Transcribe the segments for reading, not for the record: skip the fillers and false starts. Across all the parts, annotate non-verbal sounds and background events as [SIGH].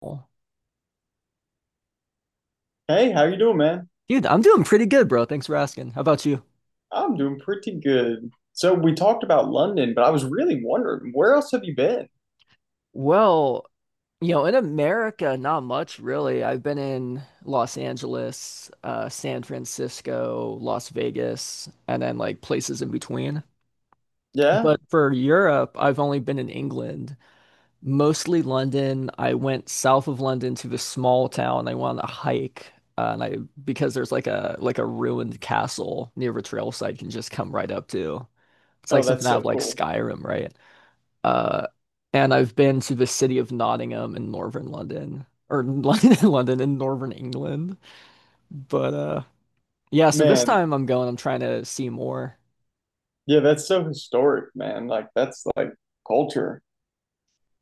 Well, Hey, how you doing, man? dude, I'm doing pretty good, bro. Thanks for asking. How about you? I'm doing pretty good. So we talked about London, but I was really wondering, where else have you been? Well, you know, in America, not much really. I've been in Los Angeles, San Francisco, Las Vegas, and then like places in between. Yeah? But for Europe, I've only been in England, mostly London. I went south of London to this small town. I went on a hike, and I because there's like a ruined castle near a trail site you can just come right up to. It's Oh, like that's something out so of like cool. Skyrim, right? Uh, and I've been to the city of Nottingham in northern London, or [LAUGHS] London, London in northern England. But Yeah, so this Man, time I'm going, I'm trying to see more. yeah, that's so historic, man. Like that's like culture.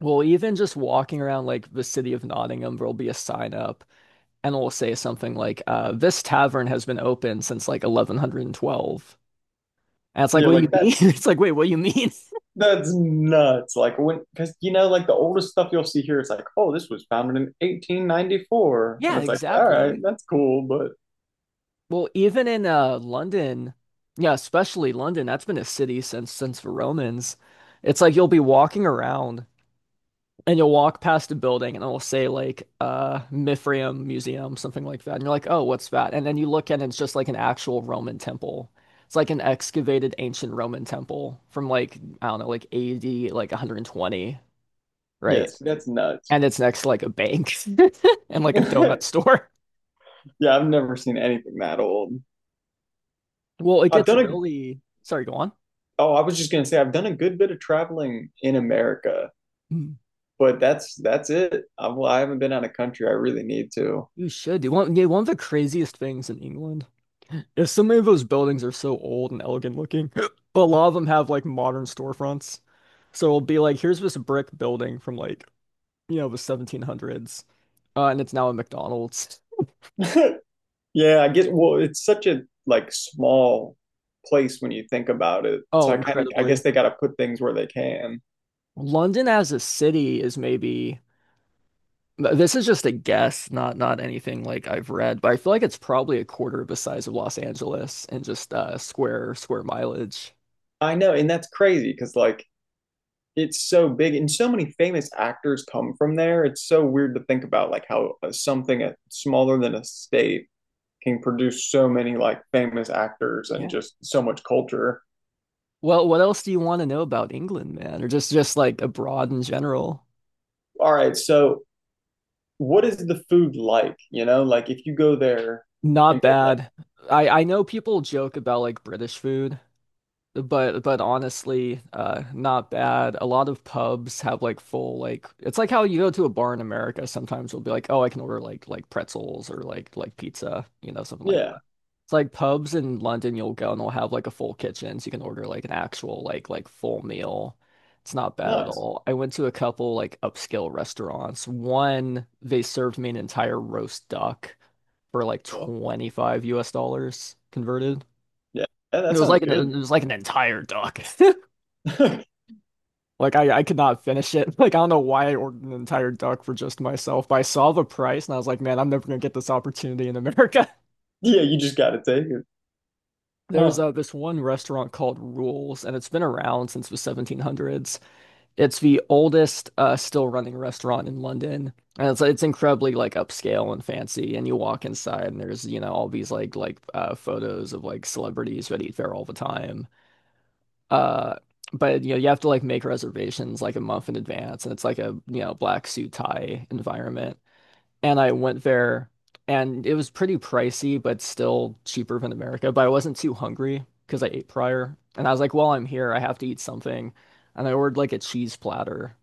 Well, even just walking around like the city of Nottingham, there'll be a sign up and it'll say something like, this tavern has been open since like 1112. And it's like, Yeah, what do you like mean? that [LAUGHS] It's like, wait, what do you mean? [LAUGHS] that's nuts. Like when because you know, like the oldest stuff you'll see here, it's like, oh, this was founded in 1894. And Yeah, it's like, all right, exactly. that's cool, but Well, even in London, yeah, especially London, that's been a city since the Romans. It's like you'll be walking around and you'll walk past a building and it'll say like Mithraeum Museum, something like that. And you're like, "Oh, what's that?" And then you look and it's just like an actual Roman temple. It's like an excavated ancient Roman temple from like I don't know, like AD like 120, right? yes, that's nuts. And it's next to like a bank [LAUGHS] and like a donut [LAUGHS] store. Yeah, I've never seen anything that old. Well, it I've gets done a really, sorry, go on. Oh, I was just gonna say I've done a good bit of traveling in America, but that's it. I, well, I haven't been out of country. I really need to. You should. You want? Yeah, one of the craziest things in England is so many of those buildings are so old and elegant looking, [GASPS] but a lot of them have like modern storefronts. So it'll be like, here's this brick building from like, you know, the 1700s, and it's now a McDonald's. [LAUGHS] Yeah, I guess. Well, it's such a like small place when you think about it. So Oh, I kind of, I guess incredibly. they got to put things where they can. London as a city is maybe, this is just a guess, not anything like I've read, but I feel like it's probably a quarter of the size of Los Angeles and just square mileage. I know, and that's crazy because like it's so big, and so many famous actors come from there. It's so weird to think about like how something at, smaller than a state can produce so many like famous actors and Yeah. just so much culture. Well, what else do you want to know about England, man? Or just like abroad in general? All right, so what is the food like? You know, like if you go there and Not get like, bad. I know people joke about like British food, but honestly, not bad. A lot of pubs have like full like it's like how you go to a bar in America, sometimes you'll be like, "Oh, I can order like pretzels or like pizza, you know, something like yeah, it's like pubs in London, you'll go and they'll have like a full kitchen, so you can order like an actual like full meal." It's not bad at nice. all. I went to a couple like upscale restaurants. One, they served me an entire roast duck for like Oh, 25 US dollars converted. yeah, yeah, It that was sounds like an good. Entire duck. [LAUGHS] [LAUGHS] Like I could not finish it. [LAUGHS] Like I don't know why I ordered an entire duck for just myself, but I saw the price and I was like, man, I'm never gonna get this opportunity in America. Yeah, you just gotta take it. There's Huh. This one restaurant called Rules, and it's been around since the 1700s. It's the oldest still running restaurant in London, and it's incredibly like upscale and fancy. And you walk inside, and there's you know all these like photos of like celebrities that eat there all the time. Uh, but you know you have to like make reservations like a month in advance, and it's like a you know black suit tie environment and I went there and it was pretty pricey, but still cheaper than America. But I wasn't too hungry because I ate prior. And I was like, well, I'm here, I have to eat something. And I ordered like a cheese platter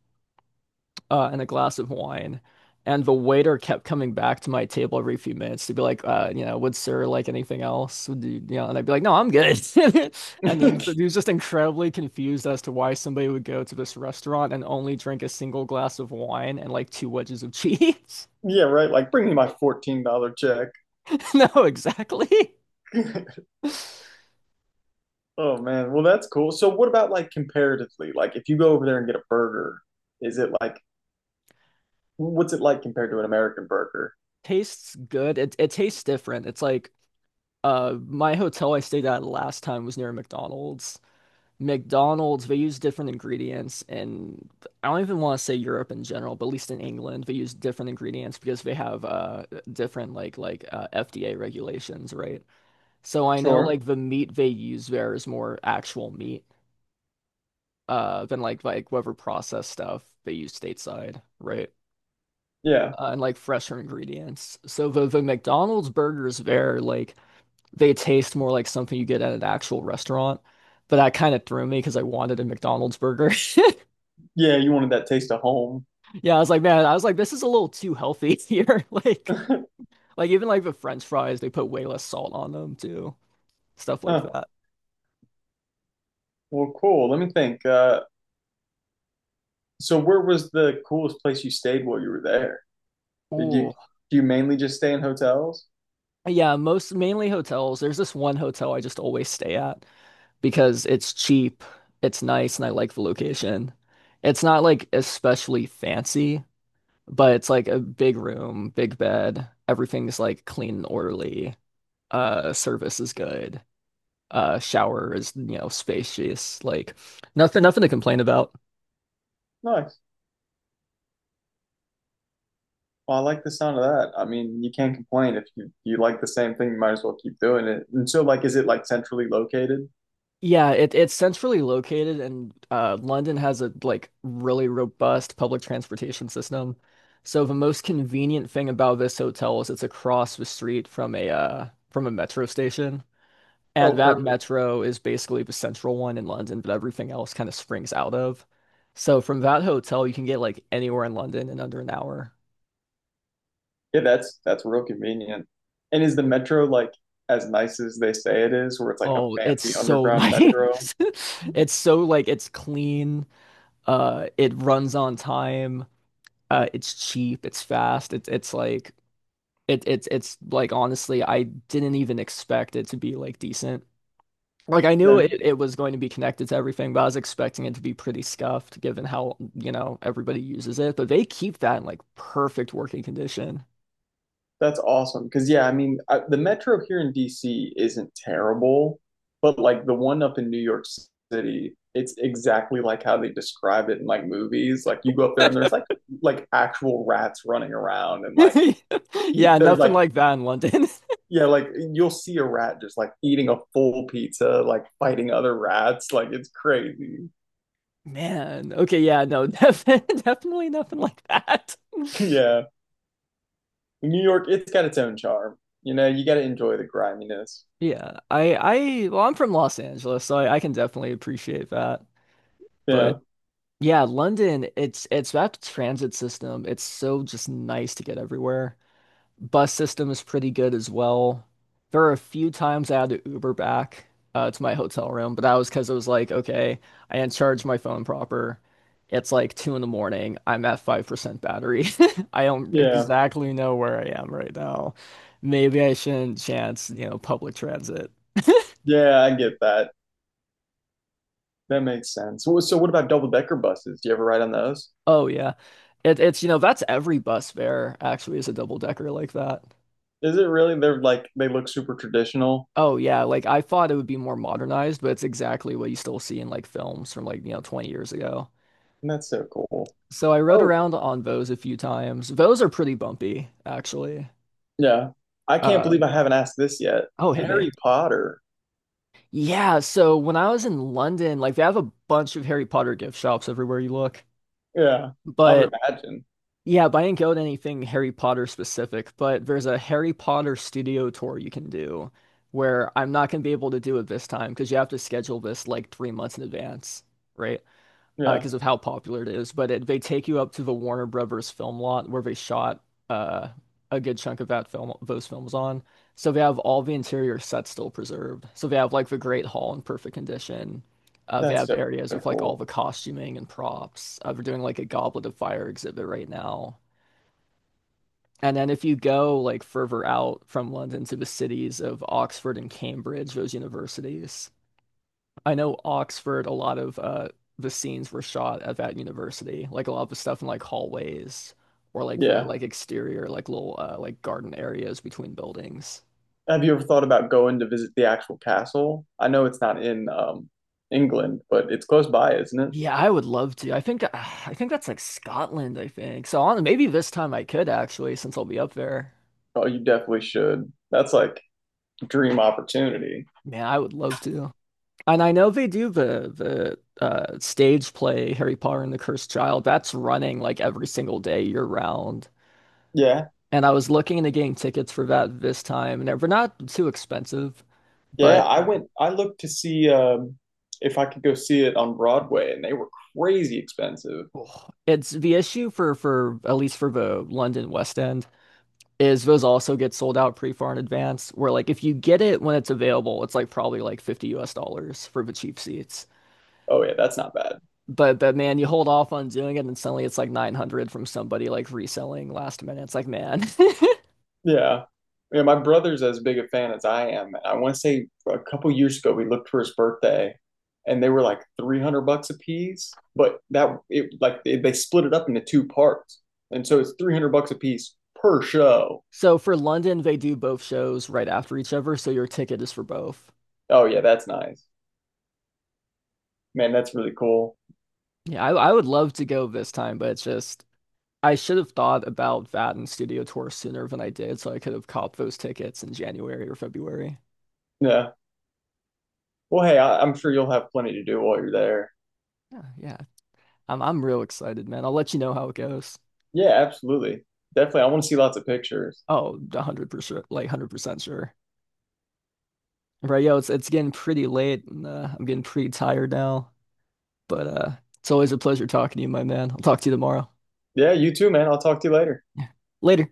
and a glass of wine. And the waiter kept coming back to my table every few minutes to be like, you know, would sir like anything else? Would you, you know, and I'd be like, no, I'm good. [LAUGHS] And then but he [LAUGHS] was just incredibly confused as to why somebody would go to this restaurant and only drink a single glass of wine and like two wedges of [LAUGHS] cheese. Yeah, right. Like bring me my $14 check. [LAUGHS] No, exactly. [LAUGHS] [LAUGHS] Oh man. Well, that's cool. So what about like comparatively? Like if you go over there and get a burger, is it like what's it like compared to an American burger? Tastes good. It tastes different. It's like my hotel I stayed at last time was near McDonald's. McDonald's, they use different ingredients and I don't even want to say Europe in general, but at least in England, they use different ingredients because they have different like FDA regulations, right? So I know Sure. like the meat they use there is more actual meat than like whatever processed stuff they use stateside, right? Yeah. And like fresher ingredients. So the McDonald's burgers there, like they taste more like something you get at an actual restaurant. But that kind of threw me because I wanted a McDonald's burger. [LAUGHS] Yeah, you wanted that taste of home. Yeah, I was like, man, I was like, this is a little too healthy [LAUGHS] here. [LAUGHS] Like even like the French fries, they put way less salt on them too. Stuff like Huh. that. Well, cool. Let me think. So where was the coolest place you stayed while you were there? Did you Ooh. do you mainly just stay in hotels? Yeah, most mainly hotels. There's this one hotel I just always stay at because it's cheap, it's nice, and I like the location. It's not like especially fancy. But it's like a big room, big bed. Everything's like clean and orderly. Service is good. Shower is, you know, spacious. Like nothing to complain about. Nice. Well, I like the sound of that. I mean, you can't complain if you like the same thing, you might as well keep doing it. And so like is it like centrally located? Yeah, it's centrally located, and London has a like really robust public transportation system. So the most convenient thing about this hotel is it's across the street from a metro station. Oh, And that perfect. metro is basically the central one in London, but everything else kind of springs out of. So from that hotel, you can get like anywhere in London in under an hour. Yeah, that's real convenient. And is the metro like as nice as they say it is, where it's like a Oh, it's fancy so [LAUGHS] underground metro? nice. It's so like it's clean. It runs on time. It's cheap. It's fast. It's like honestly, I didn't even expect it to be like decent. Like I knew Yeah. it was going to be connected to everything, but I was expecting it to be pretty scuffed given how, you know, everybody uses it. But they keep that in like perfect working condition. [LAUGHS] That's awesome. Because, yeah, I mean, I, the metro here in DC isn't terrible, but like the one up in New York City, it's exactly like how they describe it in like movies. Like you go up there and there's like actual rats running around and like pe- Yeah, they're nothing like like that in London. yeah, like you'll see a rat just like eating a full pizza, like fighting other rats. Like it's crazy. [LAUGHS] Man, okay, yeah, no, [LAUGHS] definitely nothing like that. [LAUGHS] [LAUGHS] Yeah. New York, it's got its own charm. You know, you got to enjoy the griminess. Yeah, well, I'm from Los Angeles, so I can definitely appreciate that. Yeah. But yeah, London, it's that transit system. It's so just nice to get everywhere. Bus system is pretty good as well. There are a few times I had to Uber back to my hotel room, but that was because it was like, okay, I didn't charge my phone proper. It's like two in the morning. I'm at 5% battery. [LAUGHS] I don't Yeah. exactly know where I am right now. Maybe I shouldn't chance, you know, public transit. Yeah, I get that. That makes sense. Well, so, what about double decker buses? Do you ever ride on those? Oh yeah. You know, that's every bus fare actually is a double decker like that. Is it really? They're like they look super traditional, Oh yeah, like I thought it would be more modernized, but it's exactly what you still see in like films from like, you know, 20 years ago. and that's so cool. So I rode Oh, around on Vos a few times. Vos are pretty bumpy, actually. yeah. I can't Uh, believe I haven't asked this yet. oh, hit me. Harry Potter. Yeah, so when I was in London, like they have a bunch of Harry Potter gift shops everywhere you look. Yeah, I would But imagine. yeah, but I didn't go to anything Harry Potter specific, but there's a Harry Potter studio tour you can do where I'm not gonna be able to do it this time because you have to schedule this like 3 months in advance, right? Yeah, Because of how popular it is. But it, they take you up to the Warner Brothers film lot where they shot uh, a good chunk of that film, those films on. So they have all the interior sets still preserved. So they have like the Great Hall in perfect condition. They that's have so areas with like all cool. the costuming and props. They're doing like a Goblet of Fire exhibit right now. And then if you go like further out from London to the cities of Oxford and Cambridge, those universities, I know Oxford, a lot of the scenes were shot at that university. Like a lot of the stuff in like hallways or like the Yeah. like exterior like little like garden areas between buildings. Have you ever thought about going to visit the actual castle? I know it's not in England, but it's close by, isn't it? Yeah, I would love to. I think that's like Scotland, I think. So on maybe this time I could actually since I'll be up there. Oh, you definitely should. That's like dream opportunity. Man, I would love to. And I know they do the stage play Harry Potter and the Cursed Child. That's running like every single day year round. Yeah. And I was looking into getting tickets for that this time, and they're not too expensive, Yeah, but I went, I looked to see if I could go see it on Broadway, and they were crazy expensive. oh, it's the issue for at least for the London West End is those also get sold out pretty far in advance. Where like if you get it when it's available, it's like probably like 50 US dollars for the cheap seats. Oh, yeah, that's not bad. But man, you hold off on doing it, and suddenly it's like 900 from somebody like reselling last minute. It's like man. [LAUGHS] Yeah. Yeah, my brother's as big a fan as I am. I want to say a couple years ago, we looked for his birthday, and they were like 300 bucks a piece, but that, it like, they split it up into two parts. And so it's 300 bucks a piece per show. So for London, they do both shows right after each other, so your ticket is for both. Oh, yeah, that's nice. Man, that's really cool. Yeah, I would love to go this time, but it's just I should have thought about that and studio tour sooner than I did, so I could have copped those tickets in January or February. Yeah. Well, hey, I, I'm sure you'll have plenty to do while you're there. Yeah, yeah. I'm real excited, man. I'll let you know how it goes. Yeah, absolutely. Definitely. I want to see lots of pictures. Oh, 100%, like 100% sure. Right, yo, it's getting pretty late and I'm getting pretty tired now, but it's always a pleasure talking to you, my man. I'll talk to you tomorrow. Yeah, you too, man. I'll talk to you later. Later.